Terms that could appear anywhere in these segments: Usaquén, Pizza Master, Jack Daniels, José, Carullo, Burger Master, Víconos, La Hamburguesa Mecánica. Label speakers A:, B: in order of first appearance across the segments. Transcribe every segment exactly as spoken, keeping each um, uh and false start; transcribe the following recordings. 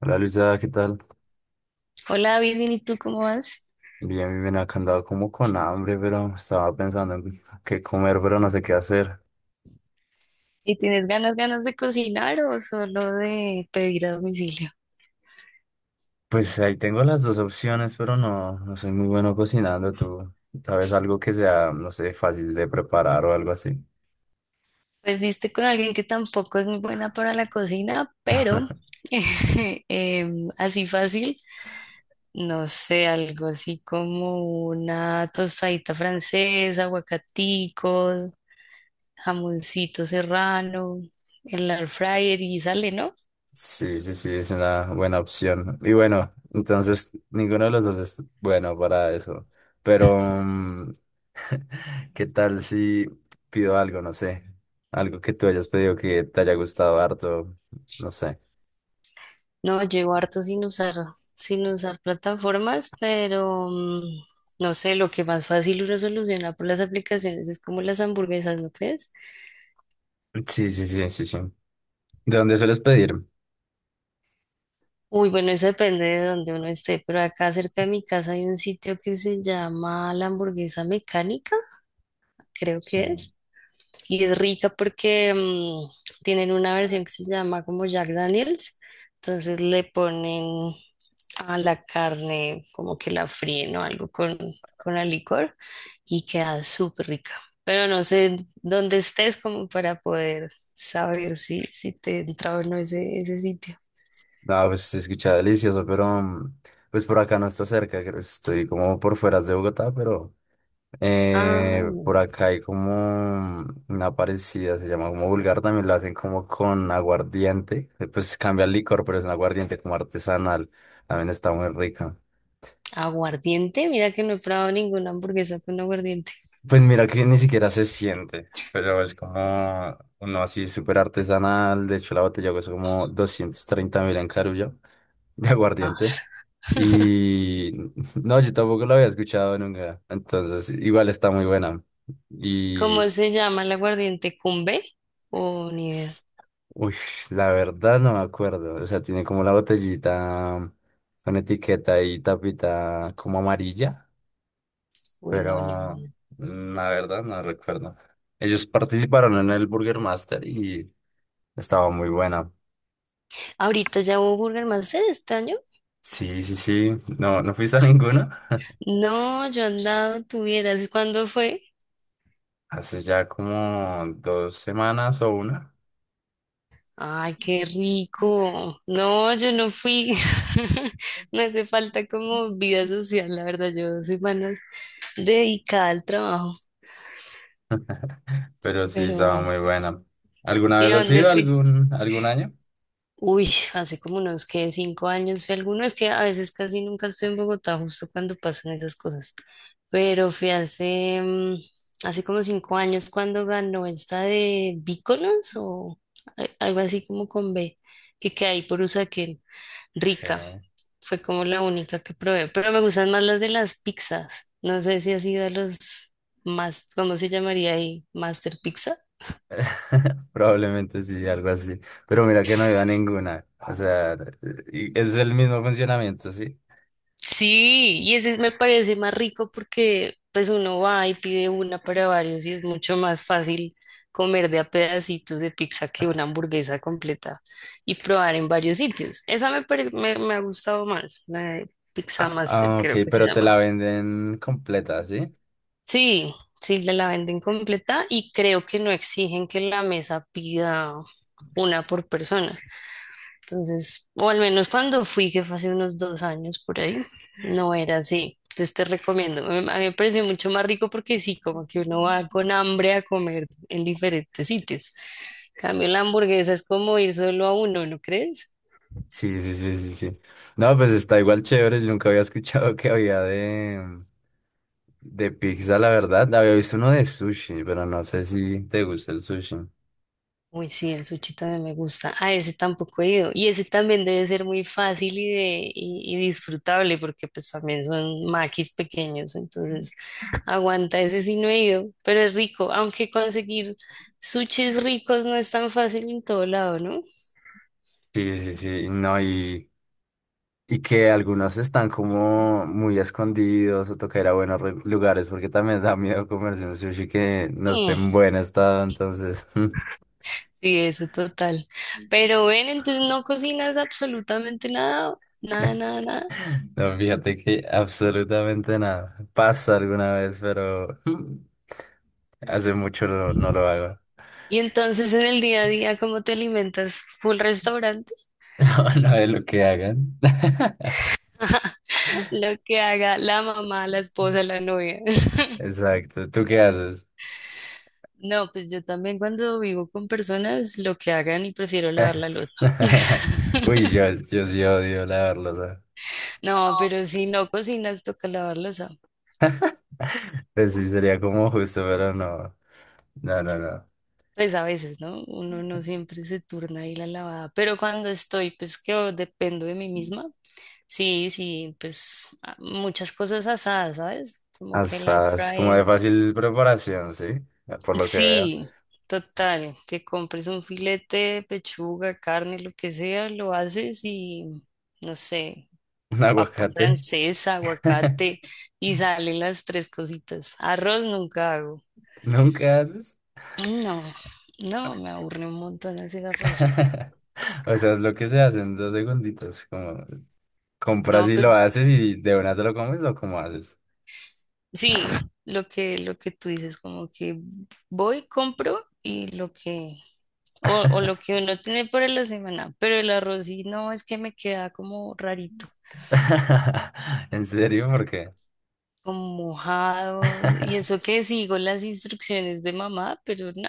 A: Hola Luisa, ¿qué tal?
B: Hola David, bien, ¿y tú cómo vas?
A: Bien, bien, bien, acá andaba como con hambre, pero estaba pensando en qué comer, pero no sé qué hacer.
B: ¿Y tienes ganas, ganas de cocinar o solo de pedir a domicilio?
A: Pues ahí tengo las dos opciones, pero no, no soy muy bueno cocinando. ¿Tú sabes algo que sea, no sé, fácil de preparar o algo así?
B: Pues diste con alguien que tampoco es muy buena para la cocina, pero em, así fácil, no sé, algo así como una tostadita francesa, aguacatico, jamoncito serrano, el air fryer y sale, ¿no?
A: Sí, sí, sí, es una buena opción. Y bueno, entonces ninguno de los dos es bueno para eso. Pero, mm, ¿qué tal si pido algo, no sé? Algo que tú hayas pedido que te haya gustado harto, no sé.
B: No, llevo harto sin usar, sin usar plataformas, pero mm, no sé, lo que más fácil uno soluciona por las aplicaciones es como las hamburguesas, ¿no crees?
A: Sí, sí, sí, sí, sí. ¿De dónde sueles pedir?
B: Uy, bueno, eso depende de donde uno esté, pero acá cerca de mi casa hay un sitio que se llama La Hamburguesa Mecánica, creo
A: Sí.
B: que es, y es rica porque mm, tienen una versión que se llama como Jack Daniels, entonces le ponen a la carne, como que la fríen o algo con, con el licor y queda súper rica. Pero no sé dónde estés como para poder saber si, si te entra o no ese, ese sitio.
A: No, pues se escucha delicioso, pero mm, pues por acá no está cerca, creo que estoy como por fuera de Bogotá, pero
B: Ah,
A: eh,
B: no.
A: por acá hay como mm, una parecida, se llama como vulgar, también la hacen como con aguardiente, eh, pues cambia el licor, pero es un aguardiente como artesanal, también está muy rica.
B: Aguardiente, mira que no he probado ninguna hamburguesa con aguardiente.
A: Pues mira que ni siquiera se siente, pero es como uno así súper artesanal. De hecho, la botella cuesta como doscientos treinta mil en Carullo de
B: Ah,
A: aguardiente. Y no, yo tampoco la había escuchado nunca. Entonces, igual está muy buena.
B: ¿cómo
A: Y,
B: se llama el aguardiente? ¿Cumbe? Oh, ni idea.
A: uy, la verdad no me acuerdo. O sea, tiene como la botellita con etiqueta y tapita como amarilla,
B: Uy, no, ni
A: pero
B: idea.
A: mm, la verdad no recuerdo. Ellos participaron en el Burger Master y estaba muy buena.
B: Ahorita ya hubo Burger Master este año.
A: Sí, sí, sí. No, ¿no fuiste a ninguna?
B: No, yo andaba, tuvieras. ¿Cuándo fue?
A: Hace ya como dos semanas o una.
B: Ay, qué rico. No, yo no fui. Me hace falta como vida social, la verdad. Yo dos semanas dedicada al trabajo,
A: Pero sí,
B: pero
A: estaba
B: bueno.
A: muy buena. ¿Alguna
B: ¿Y
A: vez
B: a
A: has
B: dónde
A: ido
B: fuiste?
A: algún, algún año?
B: Uy, hace como unos que cinco años fui a alguno. Es que a veces casi nunca estoy en Bogotá, justo cuando pasan esas cosas. Pero fui hace, mm, hace como cinco años cuando ganó esta de Víconos o a- algo así como con B, que queda ahí por Usaquén, rica.
A: Que
B: Fue como la única que probé, pero me gustan más las de las pizzas. No sé si ha sido a los más, ¿cómo se llamaría ahí? Master Pizza.
A: probablemente sí, algo así. Pero mira que no iba a ninguna. O sea, y- es el mismo funcionamiento, ¿sí?
B: Sí, y ese me parece más rico porque pues uno va y pide una para varios y es mucho más fácil comer de a pedacitos de pizza que una hamburguesa completa y probar en varios sitios. Esa me, pare- me, me ha gustado más, la de Pizza
A: Ah,
B: Master
A: ah, ok,
B: creo que se
A: pero te
B: llama.
A: la venden completa, ¿sí?
B: Sí, sí, la la venden completa y creo que no exigen que la mesa pida una por persona. Entonces, o al menos cuando fui, que fue hace unos dos años por ahí, no era así. Entonces te recomiendo. A mí a mí me pareció mucho más rico porque sí, como que uno va con hambre a comer en diferentes sitios. En cambio, la hamburguesa es como ir solo a uno, ¿no crees?
A: Sí, sí, sí, sí, sí. No, pues está igual chévere. Yo nunca había escuchado que había de, De pizza, la verdad, había visto uno de sushi, pero no sé si te gusta el sushi.
B: Uy, sí, el sushi también me gusta. Ah, ese tampoco he ido. Y ese también debe ser muy fácil y, de, y, y disfrutable porque pues también son maquis pequeños, entonces aguanta, ese sí no he ido, pero es rico, aunque conseguir sushis ricos no es tan fácil en todo lado, ¿no?
A: Sí, sí, sí, no, y, y que algunos están como muy escondidos o toca ir a buenos re- lugares porque también da miedo comerse un sushi que no esté
B: Mm,
A: en buen estado, entonces,
B: sí, eso total. Pero ven, entonces no cocinas absolutamente nada, nada, nada, nada.
A: no, fíjate que absolutamente nada. Pasa alguna vez, pero hace mucho no, no lo hago.
B: Y entonces en el día a día, ¿cómo te alimentas? ¿Full restaurante?
A: No, no es lo que hagan.
B: Lo que haga la mamá, la esposa, la novia.
A: Exacto, ¿tú qué haces?
B: No, pues yo también cuando vivo con personas, lo que hagan y prefiero lavar la losa.
A: Uy, yo, yo sí odio lavarlos, ¿ah?
B: No, pero si no cocinas, toca lavar losa.
A: Pues sí, sería como justo, pero no. No, no, no.
B: Pues a veces, ¿no? Uno no siempre se turna ahí la lavada. Pero cuando estoy, pues que dependo de mí misma. Sí, sí, pues a- muchas cosas asadas, ¿sabes? Como
A: O
B: que el air
A: sea, es como de
B: fryer.
A: fácil preparación, ¿sí? Por lo que veo.
B: Sí, total, que compres un filete, pechuga, carne, lo que sea, lo haces y, no sé,
A: Un
B: papa
A: aguacate.
B: francesa, aguacate y salen las tres cositas. Arroz nunca hago.
A: Nunca haces.
B: Mm, no, no, me aburre un montón hacer arroz.
A: O sea, es lo que se hace en dos segunditos. Como compras
B: No,
A: y lo
B: pero
A: haces y de una te lo comes o cómo haces.
B: sí, lo que, lo que tú dices, como que voy, compro y lo que, o, o lo que uno tiene para la semana, pero el arroz sí, no, es que me queda como rarito.
A: ¿En serio? ¿Por qué?
B: Como mojado. Y eso que sigo las instrucciones de mamá, pero no,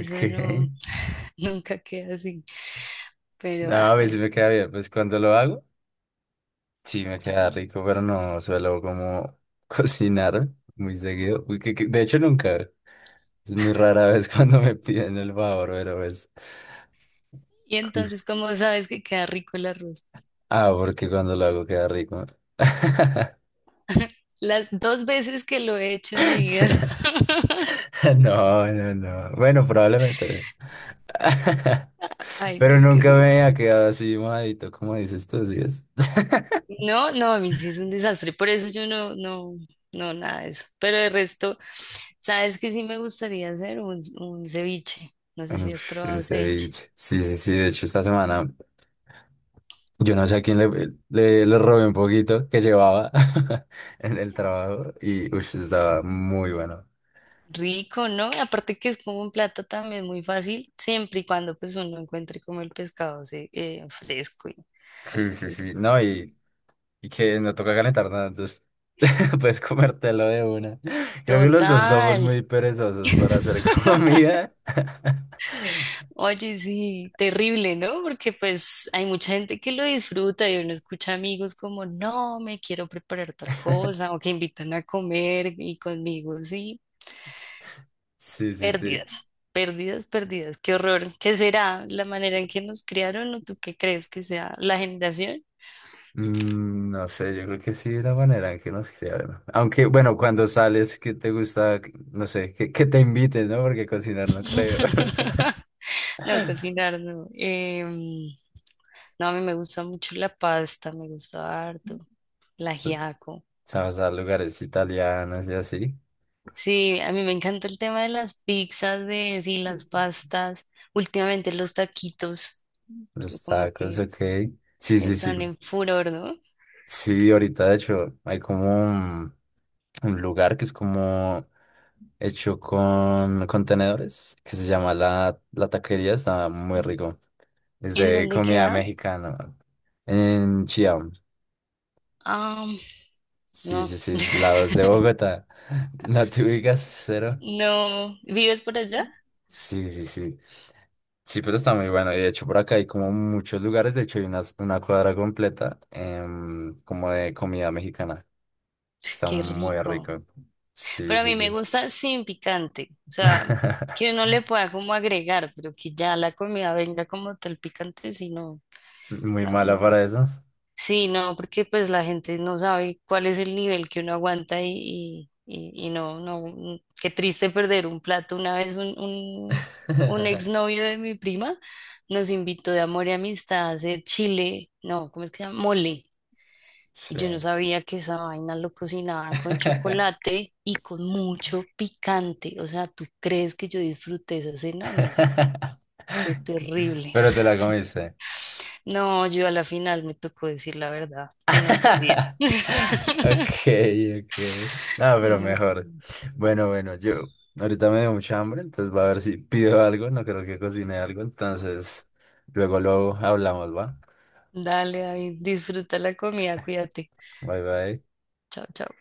A: Ok.
B: no, nunca queda así. Pero
A: No,
B: ah,
A: a mí
B: bueno.
A: sí me queda bien. Pues cuando lo hago. Sí, me queda rico, pero no suelo como cocinar muy seguido. Uy, que- que- de hecho, nunca. Es muy rara vez cuando me piden el favor, pero es...
B: Y entonces, ¿cómo sabes que queda rico el arroz?
A: Ah, porque cuando lo hago queda rico.
B: Las dos veces que lo he hecho en mi vida,
A: No, no, no. Bueno, probablemente.
B: ay, no,
A: Pero
B: qué
A: nunca
B: risa.
A: me ha quedado así mojadito, como dices tú, ¿sí es?
B: No, no, a mí sí es un desastre, por eso yo no, no, no, nada de eso. Pero el resto, ¿sabes qué sí me gustaría hacer? Un, un ceviche. No sé si has
A: Uf, el
B: probado ceviche.
A: ceviche. Sí, sí, sí. De hecho, esta semana. Yo no sé a quién le, le, le robé un poquito que llevaba en el trabajo y ush, estaba muy bueno.
B: Rico, ¿no? Aparte que es como un plato también muy fácil, siempre y cuando pues uno encuentre como el pescado se- eh, fresco. y-
A: Sí, sí, sí. No, y, y que no toca calentar nada, entonces puedes comértelo de una. Creo que los dos somos
B: Total.
A: muy perezosos para hacer comida.
B: Oye, sí, terrible, ¿no? Porque pues hay mucha gente que lo disfruta y uno escucha amigos como, no, me quiero preparar tal cosa o que invitan a comer y conmigo, sí,
A: Sí, sí, sí.
B: pérdidas, pérdidas, pérdidas, qué horror. ¿Qué será la manera en que nos criaron o tú qué crees que sea la generación?
A: Mm, no sé, yo creo que sí, la manera en que nos criaron. Aunque, bueno, cuando sales, que te gusta, no sé, que, que te inviten, ¿no? Porque cocinar no creo.
B: No, cocinar no. Em, no, a mí me gusta mucho la pasta, me gusta harto, el ajiaco.
A: Sabes a lugares italianos y así.
B: Sí, a mí me encanta el tema de las pizzas, de sí, las pastas. Últimamente los taquitos, que
A: Los
B: como
A: tacos,
B: que
A: ok. Sí, sí, sí.
B: están en furor, ¿no?
A: Sí, ahorita de hecho hay como un, un lugar que es como hecho con contenedores que se llama la, la taquería. Está muy rico. Es
B: ¿En
A: de
B: dónde
A: comida
B: queda?
A: mexicana. En Chiam.
B: Ah,
A: Sí,
B: no.
A: sí, sí. Lados de Bogotá. ¿No te ubicas, cero?
B: No. ¿Vives por allá?
A: Sí, sí, sí. Sí, pero está muy bueno. Y de hecho, por acá hay como muchos lugares. De hecho, hay unas- una cuadra completa em, como de comida mexicana. Está
B: Qué
A: muy
B: rico.
A: rico. Sí,
B: Pero a
A: sí,
B: mí me
A: sí.
B: gusta sin picante. O sea, que uno le pueda como agregar, pero que ya la comida venga como tal picante, sino
A: Muy
B: No,
A: mala
B: no.
A: para esos.
B: Sí, no, porque pues la gente no sabe cuál es el nivel que uno aguanta y, y, y- y no, no, mm, qué triste perder un plato. Una vez un, un, un, exnovio de mi prima nos invitó de amor y amistad a hacer chile, no, ¿cómo es que se llama? Mole. Y yo no
A: Sí.
B: sabía que esa vaina lo cocinaban con chocolate y con mucho picante. O sea, ¿tú crees que yo disfruté esa cena? No, fue terrible.
A: Pero te la comiste.
B: No, yo a la final me tocó decir la verdad, que no podía.
A: Okay, okay. No, pero mejor. Bueno, bueno, yo ahorita me dio mucha hambre, entonces va a ver si pido algo, no creo que cocine algo, entonces luego luego hablamos, ¿va?
B: Dale, David, disfruta la comida, cuídate.
A: Bye bye.
B: Chao, chao.